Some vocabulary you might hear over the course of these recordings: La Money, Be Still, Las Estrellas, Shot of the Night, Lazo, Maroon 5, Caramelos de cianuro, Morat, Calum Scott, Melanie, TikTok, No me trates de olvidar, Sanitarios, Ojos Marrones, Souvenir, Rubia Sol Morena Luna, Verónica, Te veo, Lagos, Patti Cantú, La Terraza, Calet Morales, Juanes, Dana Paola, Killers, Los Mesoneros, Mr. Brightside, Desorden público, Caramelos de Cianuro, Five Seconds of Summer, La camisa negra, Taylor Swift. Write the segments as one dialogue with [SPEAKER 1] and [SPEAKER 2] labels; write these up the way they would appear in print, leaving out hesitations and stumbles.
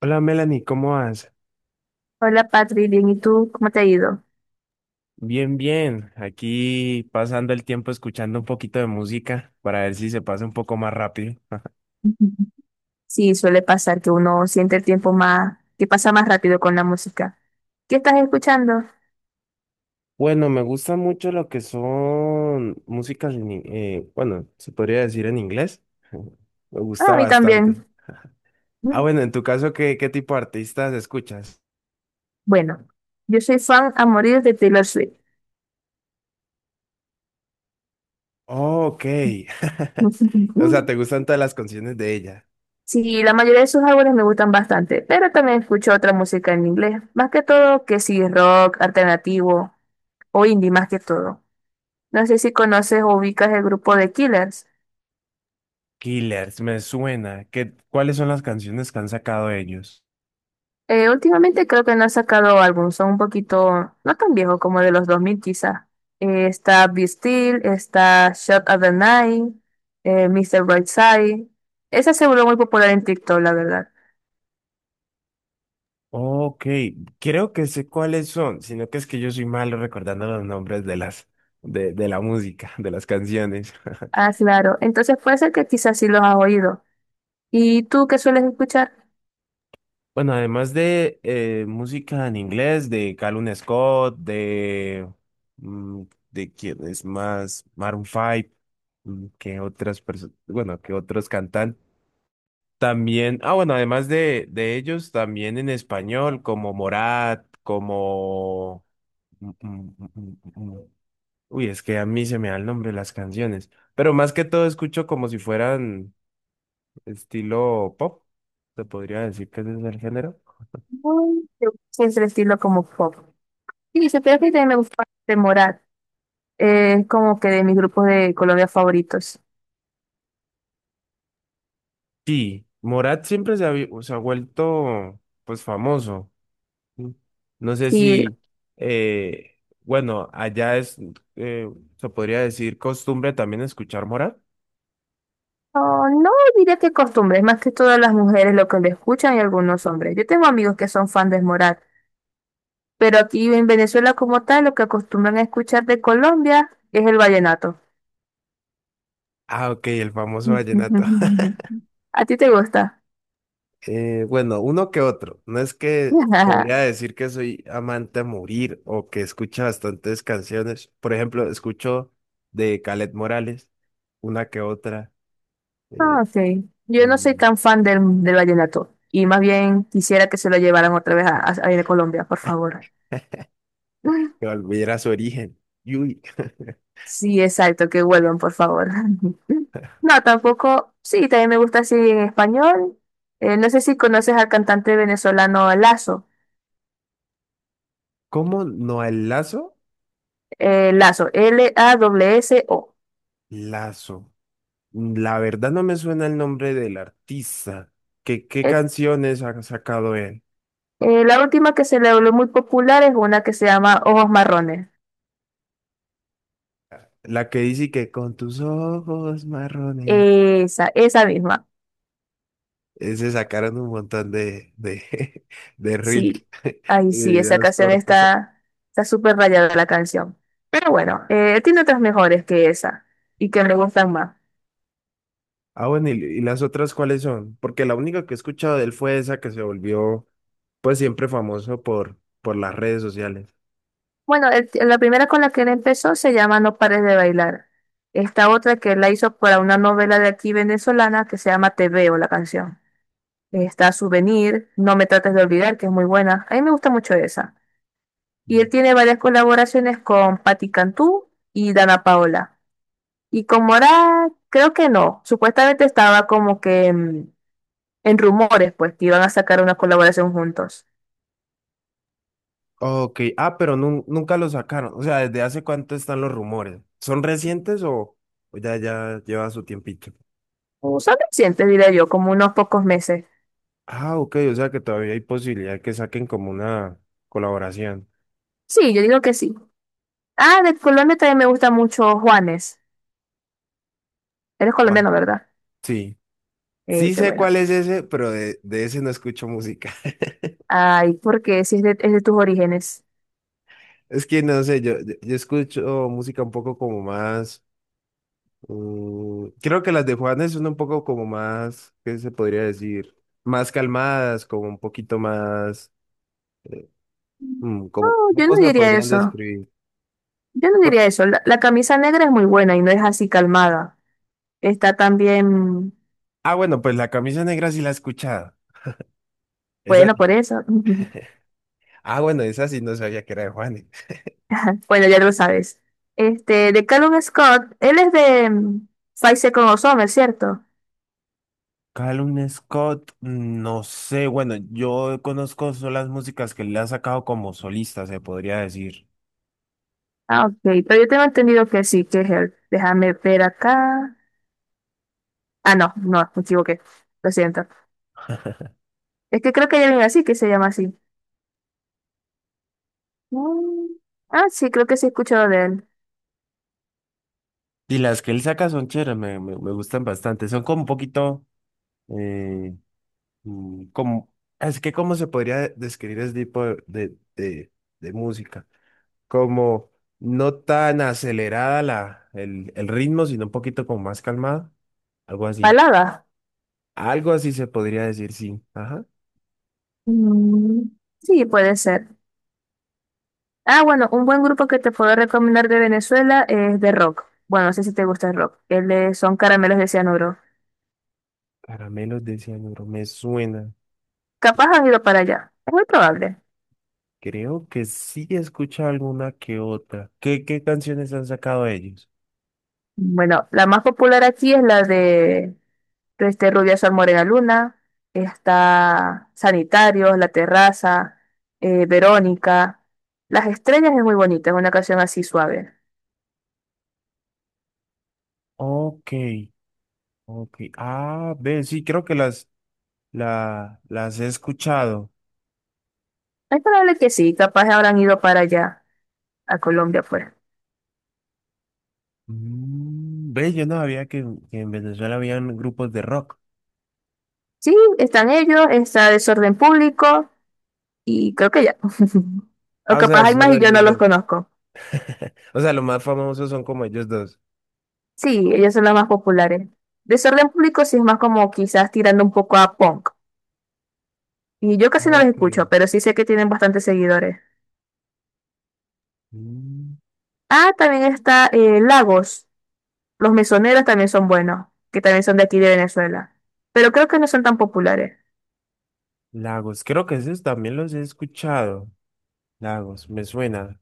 [SPEAKER 1] Hola Melanie, ¿cómo vas?
[SPEAKER 2] Hola Patri, bien, ¿y tú cómo te ha ido?
[SPEAKER 1] Bien, bien. Aquí pasando el tiempo escuchando un poquito de música para ver si se pasa un poco más rápido.
[SPEAKER 2] Ujú. Sí, suele pasar que uno siente el tiempo más, que pasa más rápido con la música. ¿Qué estás escuchando?
[SPEAKER 1] Bueno, me gusta mucho lo que son músicas, bueno, se podría decir en inglés. Me
[SPEAKER 2] Ah, a
[SPEAKER 1] gusta
[SPEAKER 2] mí
[SPEAKER 1] bastante.
[SPEAKER 2] también.
[SPEAKER 1] Ah,
[SPEAKER 2] Mm.
[SPEAKER 1] bueno, en tu caso, ¿qué tipo de artistas escuchas?
[SPEAKER 2] Bueno, yo soy fan a morir de Taylor Swift.
[SPEAKER 1] Oh, ok. O sea, ¿te gustan todas las canciones de ella?
[SPEAKER 2] Sí, la mayoría de sus álbumes me gustan bastante, pero también escucho otra música en inglés, más que todo que sí, rock, alternativo o indie más que todo. No sé si conoces o ubicas el grupo de Killers.
[SPEAKER 1] Killers, me suena. ¿Cuáles son las canciones que han sacado ellos?
[SPEAKER 2] Últimamente creo que no ha sacado álbum, son un poquito, no tan viejos como de los 2000 quizá. Está Be Still, está Shot of the Night, Mr. Brightside. Esa se volvió muy popular en TikTok, la verdad.
[SPEAKER 1] Ok, creo que sé cuáles son, sino que es que yo soy malo recordando los nombres de las de la música, de las canciones.
[SPEAKER 2] Ah, claro. Entonces puede ser que quizás sí los has oído. ¿Y tú qué sueles escuchar?
[SPEAKER 1] Bueno, además de música en inglés, de Calum Scott, de mm, de quién es más, Maroon 5, que otras personas, bueno, que otros cantantes. También, ah, bueno, además de ellos, también en español, como Morat, como mm, mm, mm, mm, mm, uy, es que a mí se me da el nombre de las canciones, pero más que todo escucho como si fueran estilo pop, se podría decir que ese es el género.
[SPEAKER 2] Muy de- siempre estilo como pop. Sí, se que también me gusta Morat. Es como que de mis grupos de Colombia favoritos.
[SPEAKER 1] Sí, Morat siempre se ha vuelto pues famoso. ¿Sí? No sé
[SPEAKER 2] Sí,
[SPEAKER 1] si, bueno, allá es, eh, se podría decir costumbre también escuchar Morat.
[SPEAKER 2] oh, no diría que costumbres, más que todas las mujeres lo que le escuchan y algunos hombres. Yo tengo amigos que son fan de Morat, pero aquí en Venezuela como tal lo que acostumbran a escuchar de Colombia es el vallenato.
[SPEAKER 1] Ah, ok, el famoso vallenato.
[SPEAKER 2] ¿A ti te gusta?
[SPEAKER 1] Bueno, uno que otro. No es que podría decir que soy amante a morir o que escucha bastantes canciones. Por ejemplo, escucho de Calet Morales, una que otra, eh,
[SPEAKER 2] Ah, sí. Yo no soy
[SPEAKER 1] mm,
[SPEAKER 2] tan fan del vallenato y más bien quisiera que se lo llevaran otra vez a Colombia, por favor.
[SPEAKER 1] que volviera a su origen. Y uy,
[SPEAKER 2] Sí, exacto, que vuelvan, por favor. No, tampoco, sí, también me gusta así en español. No sé si conoces al cantante venezolano Lazo.
[SPEAKER 1] ¿cómo no el Lazo?
[SPEAKER 2] Lazo, l a w s o.
[SPEAKER 1] Lazo. La verdad no me suena el nombre del artista. ¿Qué
[SPEAKER 2] Eh,
[SPEAKER 1] canciones ha sacado él?
[SPEAKER 2] la última que se le volvió muy popular es una que se llama Ojos Marrones.
[SPEAKER 1] La que dice que con tus ojos marrones.
[SPEAKER 2] Esa misma.
[SPEAKER 1] Eh, se sacaron un montón de de reels,
[SPEAKER 2] Sí, ahí
[SPEAKER 1] de
[SPEAKER 2] sí, esa
[SPEAKER 1] videos
[SPEAKER 2] canción
[SPEAKER 1] cortos.
[SPEAKER 2] está, está súper rayada la canción. Pero bueno, tiene otras mejores que esa y que me gustan más.
[SPEAKER 1] Ah, bueno, ¿y las otras cuáles son? Porque la única que he escuchado de él fue esa que se volvió, pues siempre famoso por las redes sociales.
[SPEAKER 2] Bueno, el- la primera con la que él empezó se llama No pares de bailar. Esta otra que él la hizo para una novela de aquí venezolana que se llama Te veo, la canción. Está Souvenir, No me trates de olvidar, que es muy buena. A mí me gusta mucho esa. Y él tiene varias colaboraciones con Patti Cantú y Dana Paola. Y con Morat, creo que no. Supuestamente estaba como que en rumores, pues, que iban a sacar una colaboración juntos.
[SPEAKER 1] Ok, ah, pero nunca lo sacaron. O sea, ¿desde hace cuánto están los rumores? ¿Son recientes o ya lleva su tiempito?
[SPEAKER 2] O son recientes, diría yo, como unos pocos meses.
[SPEAKER 1] Ah, ok, o sea que todavía hay posibilidad que saquen como una colaboración.
[SPEAKER 2] Sí, yo digo que sí. Ah, de Colombia también me gusta mucho Juanes. Eres
[SPEAKER 1] Guau.
[SPEAKER 2] colombiano, ¿verdad?
[SPEAKER 1] Sí, sí
[SPEAKER 2] Dice,
[SPEAKER 1] sé cuál
[SPEAKER 2] bueno.
[SPEAKER 1] es ese, pero de ese no escucho música.
[SPEAKER 2] Ay, porque si es de, es de tus orígenes.
[SPEAKER 1] Es que no sé, yo escucho música un poco como más. Mm, creo que las de Juanes son un poco como más, ¿qué se podría decir? Más calmadas, como un poquito más. eh,
[SPEAKER 2] No,
[SPEAKER 1] como,
[SPEAKER 2] yo
[SPEAKER 1] ¿cómo
[SPEAKER 2] no
[SPEAKER 1] se la
[SPEAKER 2] diría
[SPEAKER 1] podrían
[SPEAKER 2] eso.
[SPEAKER 1] describir?
[SPEAKER 2] Yo no
[SPEAKER 1] Por-
[SPEAKER 2] diría eso. La camisa negra es muy buena y no es así calmada. Está también,
[SPEAKER 1] ah, bueno, pues la camisa negra sí la he escuchado. Esa
[SPEAKER 2] bueno, por
[SPEAKER 1] sí.
[SPEAKER 2] eso.
[SPEAKER 1] Ah, bueno, esa sí no sabía que era de Juanes.
[SPEAKER 2] Bueno, ya lo sabes. Este, de Callum Scott, él es de Five Seconds of Summer, ¿cierto?
[SPEAKER 1] Calum Scott, mm, no sé, bueno, yo conozco solo las músicas que le ha sacado como solista, se podría decir.
[SPEAKER 2] Ah, ok. Pero yo tengo entendido que sí, que es él. Déjame ver acá. Ah, no, no, me equivoqué. Lo siento. Es que creo que hay alguien así que se llama así. Mm, Ah, sí, creo que sí he escuchado de él.
[SPEAKER 1] Y las que él saca son chéveres, me gustan bastante. Son como un poquito, eh, como, es que cómo se podría describir ese tipo de música. Como no tan acelerada el ritmo, sino un poquito como más calmado. Algo así.
[SPEAKER 2] Palada.
[SPEAKER 1] Algo así se podría decir, sí. Ajá.
[SPEAKER 2] Mm, Sí, puede ser. Ah, bueno, un buen grupo que te puedo recomendar de Venezuela es de rock. Bueno, no sé si te gusta el rock. El de Son Caramelos de Cianuro.
[SPEAKER 1] Caramelos de cianuro, me suena.
[SPEAKER 2] Capaz han ido para allá. Es muy probable.
[SPEAKER 1] Creo que sí he escuchado alguna que otra. ¿Qué canciones han sacado ellos?
[SPEAKER 2] Bueno, la más popular aquí es la de este Rubia Sol Morena Luna. Está Sanitarios, La Terraza, Verónica. Las Estrellas es muy bonita, es una canción así suave.
[SPEAKER 1] Ok. Ok. Ah, ve, sí, creo que las he escuchado.
[SPEAKER 2] Es probable que sí, capaz habrán ido para allá, a Colombia afuera.
[SPEAKER 1] Mm, ve, yo no sabía que en Venezuela habían grupos de rock.
[SPEAKER 2] Sí, están ellos, está desorden público y creo que ya. O
[SPEAKER 1] Ah, o
[SPEAKER 2] capaz
[SPEAKER 1] sea,
[SPEAKER 2] hay más
[SPEAKER 1] solo
[SPEAKER 2] y yo no
[SPEAKER 1] ellos
[SPEAKER 2] los
[SPEAKER 1] dos.
[SPEAKER 2] conozco.
[SPEAKER 1] O sea, los más famosos son como ellos dos.
[SPEAKER 2] Sí, ellos son los más populares. Desorden público sí es más como quizás tirando un poco a punk. Y yo casi no los
[SPEAKER 1] Ok.
[SPEAKER 2] escucho, pero sí sé que tienen bastantes seguidores.
[SPEAKER 1] Mm,
[SPEAKER 2] Ah, también está Lagos. Los mesoneros también son buenos, que también son de aquí de Venezuela. Pero creo que no son tan populares.
[SPEAKER 1] Lagos, creo que esos también los he escuchado. Lagos, me suena.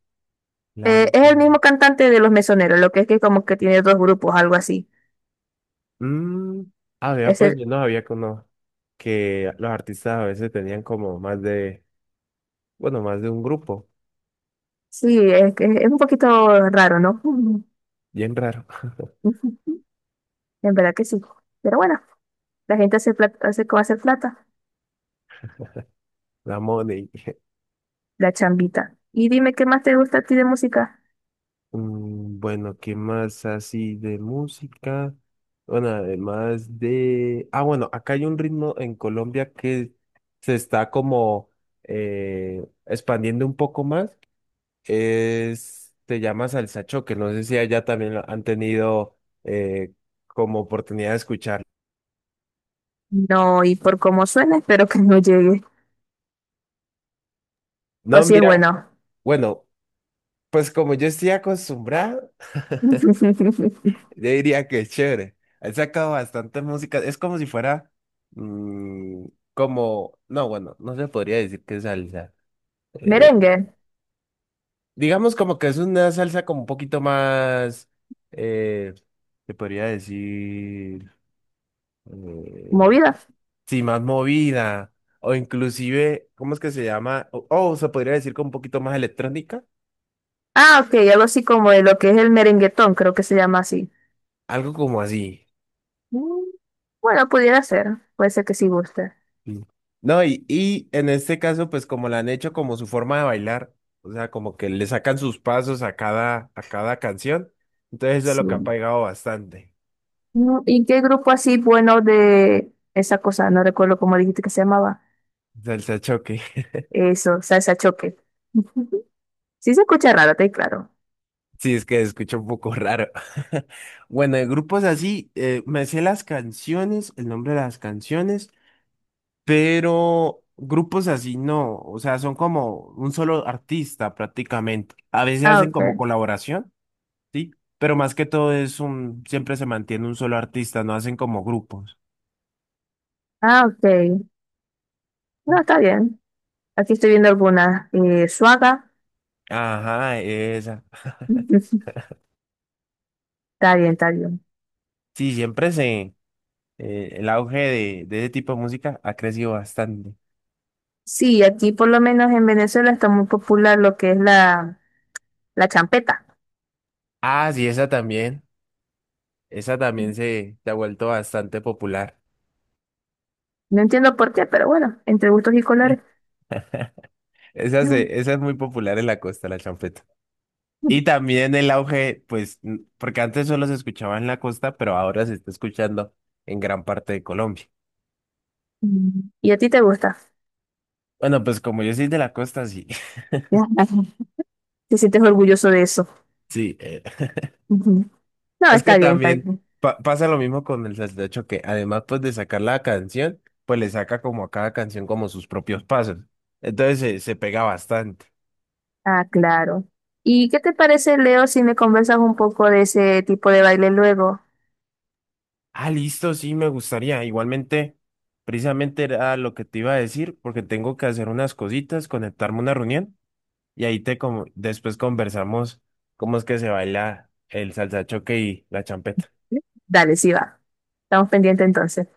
[SPEAKER 1] Lagos.
[SPEAKER 2] Es el mismo cantante de Los Mesoneros, lo que es que como que tiene dos grupos, algo así.
[SPEAKER 1] Mm, ah, vea, pues
[SPEAKER 2] Ese
[SPEAKER 1] yo no sabía que uno, que los artistas a veces tenían como más bueno, más de un grupo.
[SPEAKER 2] sí, es que es un poquito raro, ¿no?
[SPEAKER 1] Bien raro.
[SPEAKER 2] En verdad que sí. Pero bueno, la gente hace plata, hace cómo hacer plata,
[SPEAKER 1] La Money.
[SPEAKER 2] la chambita. Y dime qué más te gusta a ti de música.
[SPEAKER 1] Mm, bueno, ¿qué más así de música? Bueno, además de... Ah, bueno, acá hay un ritmo en Colombia que se está como expandiendo un poco más. Es... Se llama salsa choque. No sé si allá también lo han tenido eh, como oportunidad de escuchar.
[SPEAKER 2] No, y por cómo suena, espero que no llegue. O
[SPEAKER 1] No,
[SPEAKER 2] si es
[SPEAKER 1] mira,
[SPEAKER 2] bueno.
[SPEAKER 1] bueno, pues como yo estoy acostumbrado. Yo diría que es chévere. Él sacado bastantes músicas. Es como si fuera, mm, como, no, bueno, no se podría decir que es salsa. Eh,
[SPEAKER 2] Merengue,
[SPEAKER 1] digamos como que es una salsa como un poquito más, eh, se podría decir, eh,
[SPEAKER 2] movida.
[SPEAKER 1] sí, más movida. O inclusive, ¿cómo es que se llama? O se podría decir como un poquito más electrónica.
[SPEAKER 2] Ah, ok, algo así como de lo que es el merenguetón, creo que se llama así.
[SPEAKER 1] Algo como así.
[SPEAKER 2] Mm, Bueno, pudiera ser, puede ser que sí guste.
[SPEAKER 1] Sí. No, y en este caso, pues como la han hecho como su forma de bailar, o sea, como que le sacan sus pasos a a cada canción, entonces eso es lo que ha
[SPEAKER 2] Sí.
[SPEAKER 1] pegado bastante.
[SPEAKER 2] No, ¿y qué grupo así bueno de esa cosa? No recuerdo cómo dijiste que se llamaba.
[SPEAKER 1] Salsa choque.
[SPEAKER 2] Eso, salsa choque. Sí se escucha raro, te claro.
[SPEAKER 1] Sí, es que se escucha un poco raro. Bueno, de grupos así, me sé las canciones, el nombre de las canciones, pero grupos así no, o sea, son como un solo artista prácticamente. A veces
[SPEAKER 2] Ah,
[SPEAKER 1] hacen
[SPEAKER 2] ok.
[SPEAKER 1] como colaboración. Sí, pero más que todo es un, siempre se mantiene un solo artista, no hacen como grupos.
[SPEAKER 2] Ah, ok. No,
[SPEAKER 1] Sí.
[SPEAKER 2] está bien. Aquí estoy viendo algunas. Suaga.
[SPEAKER 1] Ajá, esa.
[SPEAKER 2] Está bien, está bien.
[SPEAKER 1] Sí, siempre se, el auge de ese tipo de música ha crecido bastante.
[SPEAKER 2] Sí, aquí por lo menos en Venezuela está muy popular lo que es la, la champeta.
[SPEAKER 1] Ah, sí, esa también se ha vuelto bastante popular.
[SPEAKER 2] No entiendo por qué, pero bueno, entre gustos y colores. Mm.
[SPEAKER 1] Esa es muy popular en la costa, la champeta. Y también el auge, pues, porque antes solo se escuchaba en la costa, pero ahora se está escuchando en gran parte de Colombia.
[SPEAKER 2] ¿Y a ti te gusta?
[SPEAKER 1] Bueno, pues como yo soy de la costa, sí.
[SPEAKER 2] Ya. ¿Te sientes orgulloso de eso?
[SPEAKER 1] Sí,
[SPEAKER 2] No,
[SPEAKER 1] es que
[SPEAKER 2] está bien, está
[SPEAKER 1] también
[SPEAKER 2] bien.
[SPEAKER 1] pasa lo mismo con el saltecho que además pues de sacar la canción, pues le saca como a cada canción como sus propios pasos. Entonces se pega bastante.
[SPEAKER 2] Ah, claro. ¿Y qué te parece, Leo, si me conversas un poco de ese tipo de baile luego?
[SPEAKER 1] Ah, listo, sí, me gustaría. Igualmente, precisamente era lo que te iba a decir, porque tengo que hacer unas cositas, conectarme a una reunión y ahí te como después conversamos cómo es que se baila el salsa choque y la champeta.
[SPEAKER 2] Dale, sí va. Estamos pendientes entonces.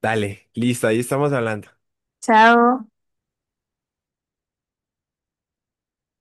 [SPEAKER 1] Dale, listo, ahí estamos hablando.
[SPEAKER 2] Chao.